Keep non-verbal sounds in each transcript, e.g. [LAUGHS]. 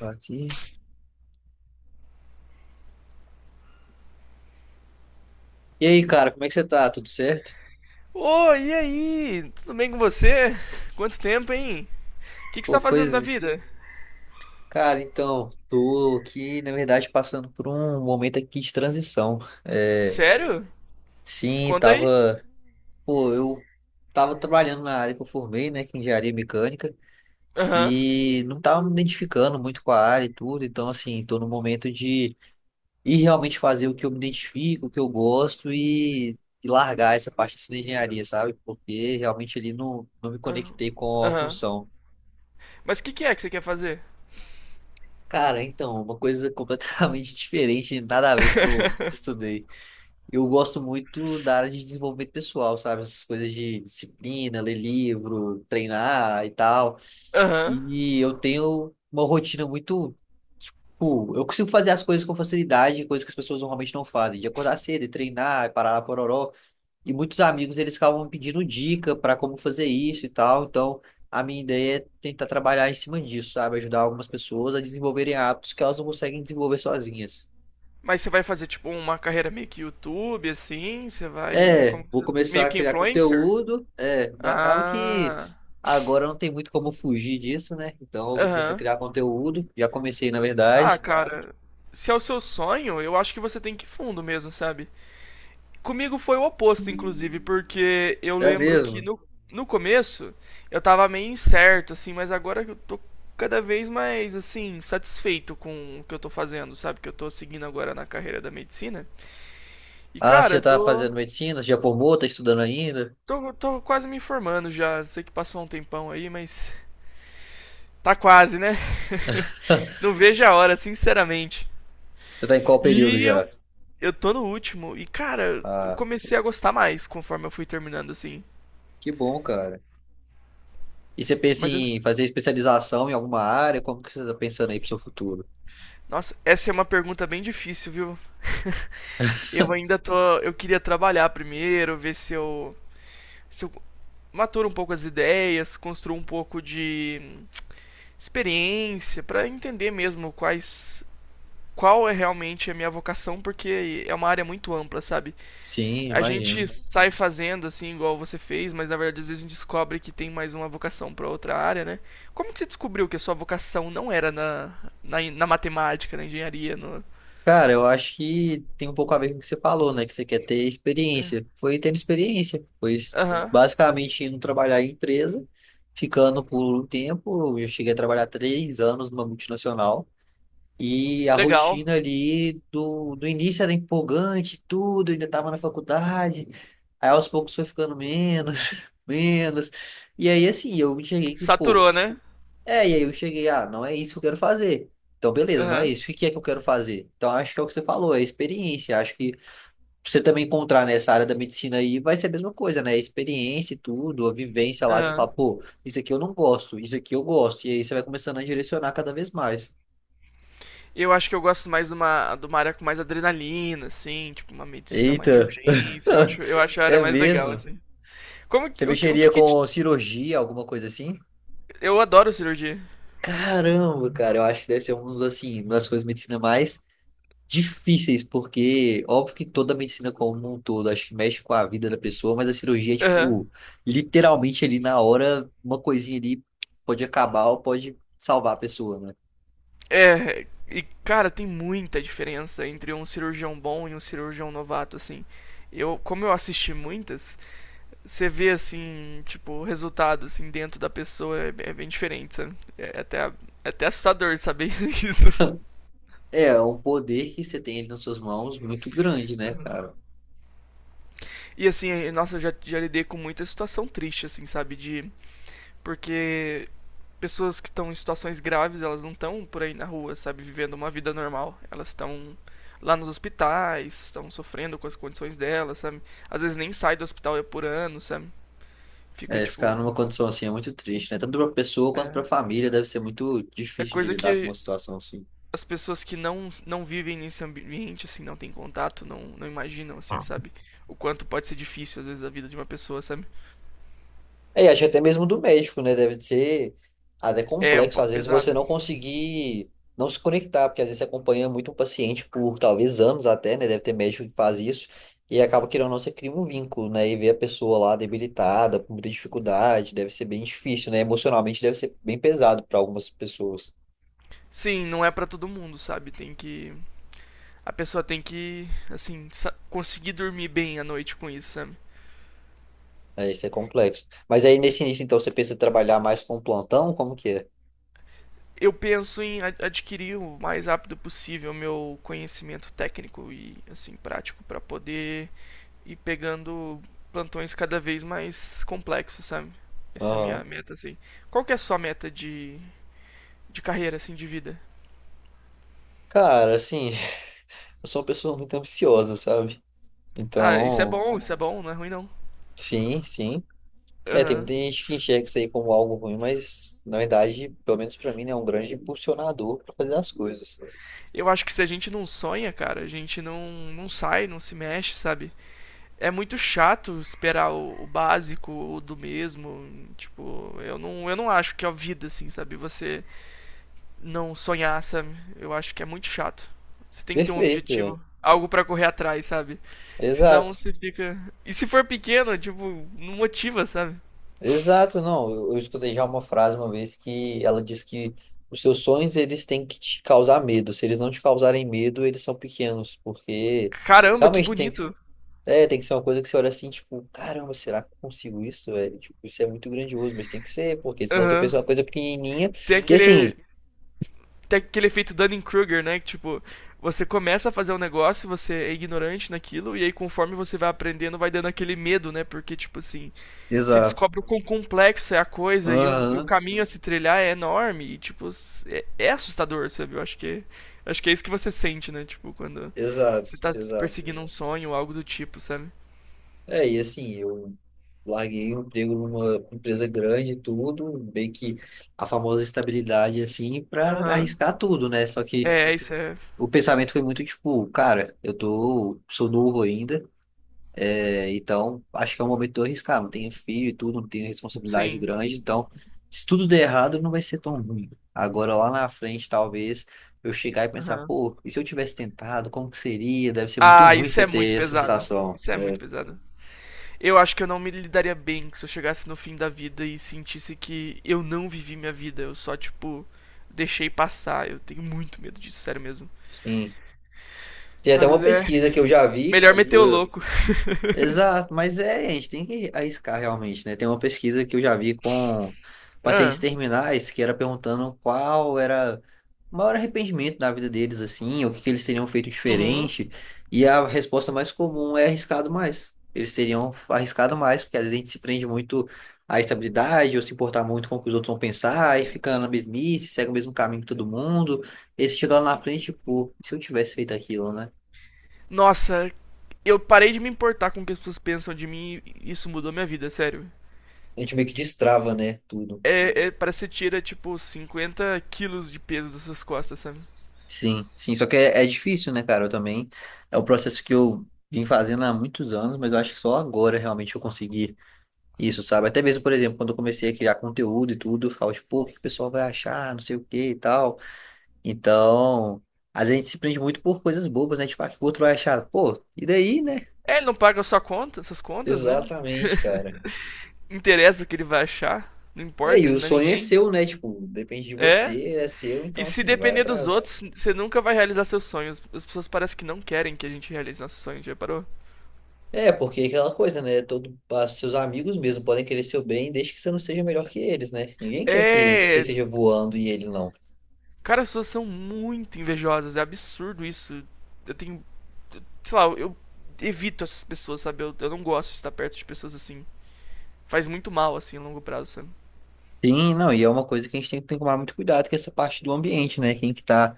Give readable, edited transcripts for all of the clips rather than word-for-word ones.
Aqui. E aí, cara, como é que você tá? Tudo certo? Ô, e aí? Tudo bem com você? Quanto tempo, hein? O que você Pô, tá fazendo da pois, vida? cara, então, tô aqui, na verdade, passando por um momento aqui de transição. É, Sério? sim, Conta aí. tava, pô, eu tava trabalhando na área que eu formei, né, que é engenharia mecânica, Aham. e não tava me identificando muito com a área e tudo, então, assim, tô no momento de ir realmente fazer o que eu me identifico, o que eu gosto e largar essa parte assim, da engenharia, sabe? Porque realmente ali não me Aham. conectei com a Aham. função. Mas o que é que você quer fazer? Cara, então, uma coisa completamente [LAUGHS] diferente, nada a ver com o que eu [LAUGHS] estudei. Eu gosto muito da área de desenvolvimento pessoal, sabe? Essas coisas de disciplina, ler livro, treinar e tal. Aham. E eu tenho uma rotina muito. Tipo, eu consigo fazer as coisas com facilidade, coisas que as pessoas normalmente não fazem, de acordar cedo e treinar, e parar a pororó. E muitos amigos eles acabam me pedindo dica para como fazer isso e tal. Então, a minha ideia é tentar trabalhar em cima disso, sabe? Ajudar algumas pessoas a desenvolverem hábitos que elas não conseguem desenvolver sozinhas. Mas você vai fazer, tipo, uma carreira meio que YouTube, assim? Você vai. É, vou começar Meio a que criar influencer? conteúdo. É, acaba que Ah. agora não tem muito como fugir disso, né? Então, eu vou começar a Aham. criar conteúdo. Já comecei, na Ah, verdade. cara. Se é o seu sonho, eu acho que você tem que ir fundo mesmo, sabe? Comigo foi o oposto, inclusive, porque eu É lembro que mesmo. no começo eu tava meio incerto, assim, mas agora eu tô cada vez mais, assim, satisfeito com o que eu tô fazendo, sabe? Que eu tô seguindo agora na carreira da medicina. E, Ah, cara, você já eu tá tô, fazendo medicina? Você já formou? Tá estudando ainda? tô, tô quase me formando já. Sei que passou um tempão aí, mas tá quase, né? [LAUGHS] Não [LAUGHS] vejo a hora, sinceramente. Você tá em qual período E eu, já? eu tô no último. E, cara, eu Ah, comecei a gostar mais conforme eu fui terminando, assim. que bom, cara. E você pensa Mas em fazer especialização em alguma área? Como que você está pensando aí para o seu futuro? Nossa, essa é uma pergunta bem difícil, viu? Eu ainda tô. Eu queria trabalhar primeiro, ver se eu maturo um pouco as ideias, construo um pouco de experiência pra entender mesmo quais. Qual é realmente a minha vocação, porque é uma área muito ampla, sabe? Sim, A gente imagino. sai fazendo assim, igual você fez, mas na verdade às vezes a gente descobre que tem mais uma vocação pra outra área, né? Como que você descobriu que a sua vocação não era na matemática, na engenharia? No... Cara, eu acho que tem um pouco a ver com o que você falou, né? Que você quer ter experiência. Foi tendo experiência, foi Aham, basicamente indo trabalhar em empresa, ficando por um tempo. Eu cheguei a trabalhar 3 anos numa multinacional. E a legal. rotina ali do início era empolgante, tudo, ainda estava na faculdade. Aí aos poucos foi ficando menos, [LAUGHS] menos. E aí, assim, eu cheguei que, pô. Saturou, né? É, e aí eu cheguei, ah, não é isso que eu quero fazer. Então, beleza, não é Aham. isso. O que é que eu quero fazer? Então, acho que é o que você falou, é experiência. Acho que você também encontrar nessa área da medicina aí vai ser a mesma coisa, né? Experiência e tudo, a vivência lá, você fala, Aham. pô, isso aqui eu não gosto, isso aqui eu gosto. E aí você vai começando a direcionar cada vez mais. Eu acho que eu gosto mais de uma área com mais adrenalina, assim, tipo uma medicina mais de Eita, urgência. Eu [LAUGHS] acho, eu acho a área é mais legal, mesmo? assim. Como Você que, o que, o que mexeria que te- com cirurgia, alguma coisa assim? Eu adoro cirurgia. Caramba, cara, eu acho que deve ser um dos, assim, uma das coisas de medicina mais difíceis, porque óbvio que toda a medicina como um todo, acho que mexe com a vida da pessoa, mas a cirurgia é Aham. tipo, literalmente ali na hora, uma coisinha ali pode acabar ou pode salvar a pessoa, né? É, e cara, tem muita diferença entre um cirurgião bom e um cirurgião novato, assim. Eu, como eu assisti muitas, você vê assim, tipo, o resultado assim dentro da pessoa é bem diferente, sabe? É até assustador saber [LAUGHS] isso. É um poder que você tem ali nas suas mãos muito grande, né, cara? E assim, nossa, eu já lidei com muita situação triste, assim, sabe? De. Porque pessoas que estão em situações graves, elas não estão por aí na rua, sabe? Vivendo uma vida normal. Elas estão lá nos hospitais, estão sofrendo com as condições delas, sabe? Às vezes nem sai do hospital é por ano, sabe? Fica É, ficar tipo. numa condição assim é muito triste, né? Tanto pra pessoa quanto pra É, família deve ser muito é difícil de coisa lidar com uma que situação assim. as pessoas que não vivem nesse ambiente, assim, não têm contato, não imaginam, assim, sabe? O quanto pode ser difícil, às vezes, a vida de uma pessoa, sabe? É, e acho que até mesmo do México, né? Deve ser até É um complexo, às pouco vezes, você pesado. não conseguir não se conectar, porque às vezes você acompanha muito um paciente por talvez anos até, né? Deve ter médico que faz isso, e acaba querendo ou não, você cria um vínculo, né? E ver a pessoa lá debilitada, com muita dificuldade, deve ser bem difícil, né? Emocionalmente deve ser bem pesado para algumas pessoas. Sim, não é pra todo mundo, sabe? Tem que. A pessoa tem que, assim, conseguir dormir bem à noite com isso, sabe? É, isso é complexo. Mas aí nesse início, então, você pensa em trabalhar mais com plantão? Como que é? Eu penso em adquirir o mais rápido possível meu conhecimento técnico e, assim, prático pra poder ir pegando plantões cada vez mais complexos, sabe? Essa é a minha Aham. meta, assim. Qual que é a sua meta de carreira, assim, de vida? Cara, assim, [LAUGHS] eu sou uma pessoa muito ambiciosa, sabe? Ah, Então, isso é bom, não é ruim não. sim, sim. É, tem Aham. muita gente que enxerga isso aí como algo ruim, mas na verdade, pelo menos pra mim, né, é um grande impulsionador pra fazer as coisas. Eu acho que se a gente não sonha, cara, a gente não sai, não se mexe, sabe? É muito chato esperar o básico, o do mesmo. Tipo, eu não acho que é a vida, assim, sabe? Você não sonhar, sabe? Eu acho que é muito chato. Você tem que ter um Perfeito, velho. objetivo, algo pra correr atrás, sabe? Senão Exato. você fica. E se for pequeno, tipo, não motiva, sabe? Exato, não. Eu escutei já uma frase uma vez que ela diz que os seus sonhos eles têm que te causar medo. Se eles não te causarem medo, eles são pequenos, porque Caramba, que realmente tem que, bonito. é, tem que ser uma coisa que você olha assim, tipo, caramba, será que eu consigo isso, velho? Tipo, isso é muito grandioso, mas tem que ser, porque senão você Aham. pensa uma coisa pequenininha Tem e assim. aquele tem aquele efeito Dunning-Kruger, né? Que, tipo, você começa a fazer um negócio, você é ignorante naquilo, e aí conforme você vai aprendendo, vai dando aquele medo, né? Porque, tipo assim, se Exato. descobre o quão complexo é a coisa e o Aham. caminho a se trilhar é enorme. E, tipo, é assustador, sabe? Eu acho que é isso que você sente, né? Tipo, quando Exato, você tá exato. perseguindo um sonho ou algo do tipo, sabe? É, e assim, eu larguei o emprego numa empresa grande e tudo, meio que a famosa estabilidade, assim, pra Aham. arriscar tudo, né? Só que É, isso é. o pensamento foi muito tipo, cara, eu tô, sou novo ainda, é, então acho que é o momento de eu arriscar. Não tenho filho e tudo, não tenho responsabilidade Sim. grande, então se tudo der errado, não vai ser tão ruim. Agora lá na frente, talvez. Eu chegar e pensar, Aham. pô, e se eu tivesse tentado, como que seria? Deve ser muito Ah, ruim isso você é muito ter essa pesado. sensação. Isso é muito pesado. Eu acho que eu não me lidaria bem se eu chegasse no fim da vida e sentisse que eu não vivi minha vida, eu só, tipo, deixei passar. Eu tenho muito medo disso, sério mesmo. Sim. Tem até Às uma vezes é pesquisa que eu já vi, melhor que meter o foi, louco. [LAUGHS] exato, mas é, a gente tem que arriscar realmente, né? Tem uma pesquisa que eu já vi com pacientes Ah, terminais que era perguntando qual era o maior arrependimento da vida deles, assim, ou o que que eles teriam feito Uhum. diferente, e a resposta mais comum é arriscado mais. Eles teriam arriscado mais, porque às vezes a gente se prende muito à estabilidade, ou se importar muito com o que os outros vão pensar, e fica na mesmice, segue o mesmo caminho que todo mundo, e se chegar lá na frente, pô, e se eu tivesse feito aquilo, né? Nossa, eu parei de me importar com o que as pessoas pensam de mim e isso mudou minha vida, sério. A gente meio que destrava, né, tudo. É, parece que você tira, tipo, 50 quilos de peso das suas costas, sabe? Sim, sim, só que é, é difícil, né, cara? Eu também. É o processo que eu vim fazendo há muitos anos, mas eu acho que só agora realmente eu consegui isso, sabe? Até mesmo, por exemplo, quando eu comecei a criar conteúdo e tudo, eu ficava tipo, pô, o que o pessoal vai achar, não sei o que e tal. Então, às vezes a gente se prende muito por coisas bobas, né? Tipo, ah, o que o outro vai achar? Pô, e daí, né? É, ele não paga a sua conta, suas contas, né? Exatamente, cara. Interessa o que ele vai achar, não É, e importa, ele o não é sonho é ninguém. seu, né? Tipo, depende de É. você, é seu, E então se assim, vai depender dos atrás. outros, você nunca vai realizar seus sonhos. As pessoas parecem que não querem que a gente realize nossos sonhos, já parou? É, porque é aquela coisa, né? Todo, as- seus amigos mesmo podem querer seu bem desde que você não seja melhor que eles, né? Ninguém quer que você É. seja voando e ele não. Cara, as pessoas são muito invejosas, é absurdo isso. Eu tenho. Sei lá, eu, evito essas pessoas, sabe? eu não gosto de estar perto de pessoas assim. Faz muito mal, assim, a longo prazo, sabe? Sim, não, e é uma coisa que a gente tem que tomar muito cuidado, que é essa parte do ambiente, né? Quem que tá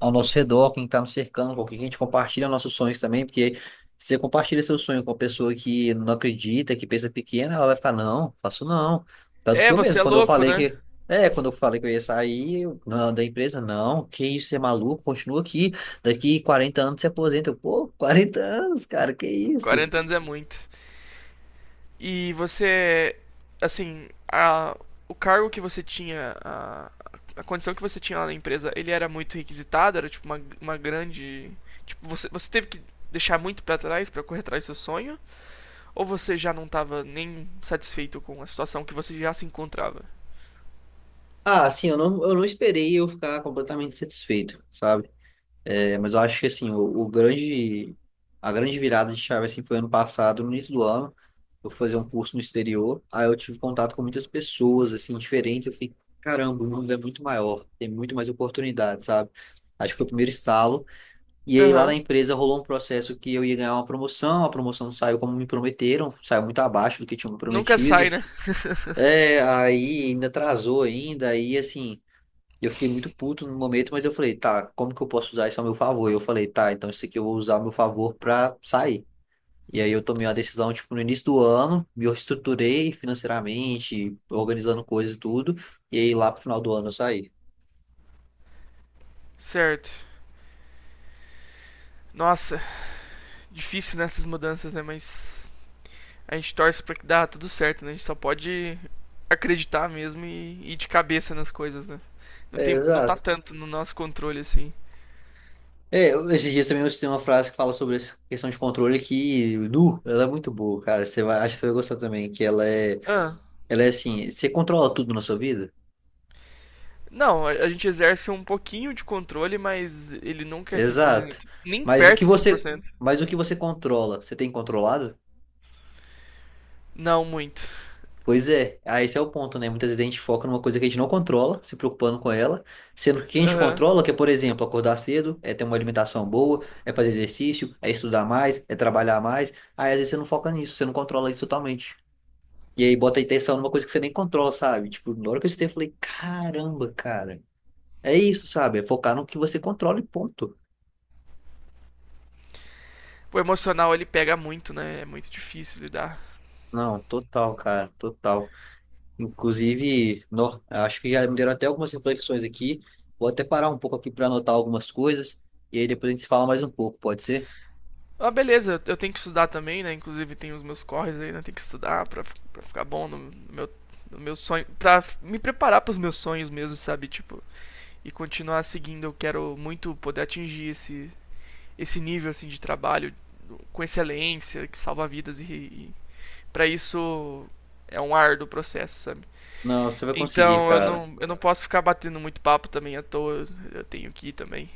ao nosso redor, quem está nos cercando, com quem a gente compartilha nossos sonhos também, porque se você compartilha seu sonho com uma pessoa que não acredita, que pensa pequena, ela vai ficar, não, faço não. Tanto que É, eu você mesmo, é quando eu louco, falei né? que. É, quando eu falei que eu ia sair, eu, não, da empresa, não, que isso, você é maluco, continua aqui, daqui 40 anos você aposenta. Eu, pô, 40 anos, cara, que isso? 40 anos é muito. E você. Assim, o cargo que você tinha, a condição que você tinha lá na empresa, ele era muito requisitado, era tipo uma grande. Tipo, você teve que deixar muito para trás para correr atrás do seu sonho? Ou você já não tava nem satisfeito com a situação que você já se encontrava? Ah, assim, eu não esperei eu ficar completamente satisfeito, sabe? É, mas eu acho que assim, o grande, a grande virada de chave assim, foi ano passado, no início do ano. Eu fui fazer um curso no exterior, aí eu tive contato com muitas pessoas assim, diferentes. Eu fiquei, caramba, o mundo é muito maior, tem muito mais oportunidades, sabe? Acho que foi o primeiro estalo. E aí lá Aham. na Uhum. empresa rolou um processo que eu ia ganhar uma promoção, a promoção não saiu como me prometeram, saiu muito abaixo do que tinham me Nunca sai, prometido. né? É, aí ainda atrasou ainda, aí assim, e eu fiquei muito puto no momento, mas eu falei, tá, como que eu posso usar isso ao meu favor? E eu falei, tá, então isso aqui eu vou usar ao meu favor pra sair. E aí eu tomei uma decisão, tipo, no início do ano, me reestruturei financeiramente, organizando coisas e tudo, e aí lá pro final do ano eu saí. Certo. Nossa, difícil nessas mudanças, né? Mas a gente torce pra que dá tudo certo, né? A gente só pode acreditar mesmo e ir de cabeça nas coisas, né? Não, É, não tá exato. tanto no nosso controle assim. É, eu- esses dias também eu citei uma frase que fala sobre essa questão de controle que, nu, ela é muito boa, cara. Você vai, acho que você vai gostar também, que Ah, ela é assim, você controla tudo na sua vida? não, a gente exerce um pouquinho de controle, mas ele nunca é cem por Exato. cento Nem Mas o que perto de cem por você, cento mas o que você controla, você tem controlado? Não, muito. Pois é, ah, esse é o ponto, né? Muitas vezes a gente foca numa coisa que a gente não controla, se preocupando com ela, sendo que o que a gente Aham. controla, que é, por exemplo, acordar cedo, é ter uma alimentação boa, é fazer exercício, é estudar mais, é trabalhar mais. Aí às vezes você não foca nisso, você não controla isso totalmente. E aí bota a intenção numa coisa que você nem controla, sabe? Tipo, na hora que eu estudei, eu falei, caramba, cara, é isso, sabe? É focar no que você controla e ponto. O emocional ele pega muito, né? É muito difícil lidar. Não, total, cara, total. Inclusive, no, acho que já me deram até algumas reflexões aqui. Vou até parar um pouco aqui para anotar algumas coisas e aí depois a gente se fala mais um pouco, pode ser? Ah, beleza, tenho que estudar também, né? Inclusive tem os meus corres aí, né? Tem que estudar pra ficar bom no meu sonho. Pra me preparar pros meus sonhos mesmo, sabe? Tipo, e continuar seguindo. Eu quero muito poder atingir esse nível assim de trabalho com excelência que salva vidas e para isso é um árduo processo, sabe? Não, você vai conseguir, Então eu cara. não, eu não posso ficar batendo muito papo também à toa, eu tenho que ir também.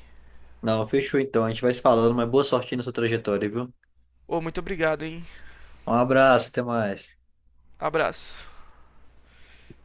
Não, fechou então. A gente vai se falando, mas boa sorte aí na sua trajetória, viu? Ô, oh, muito obrigado, hein? Um abraço, até mais. Abraço.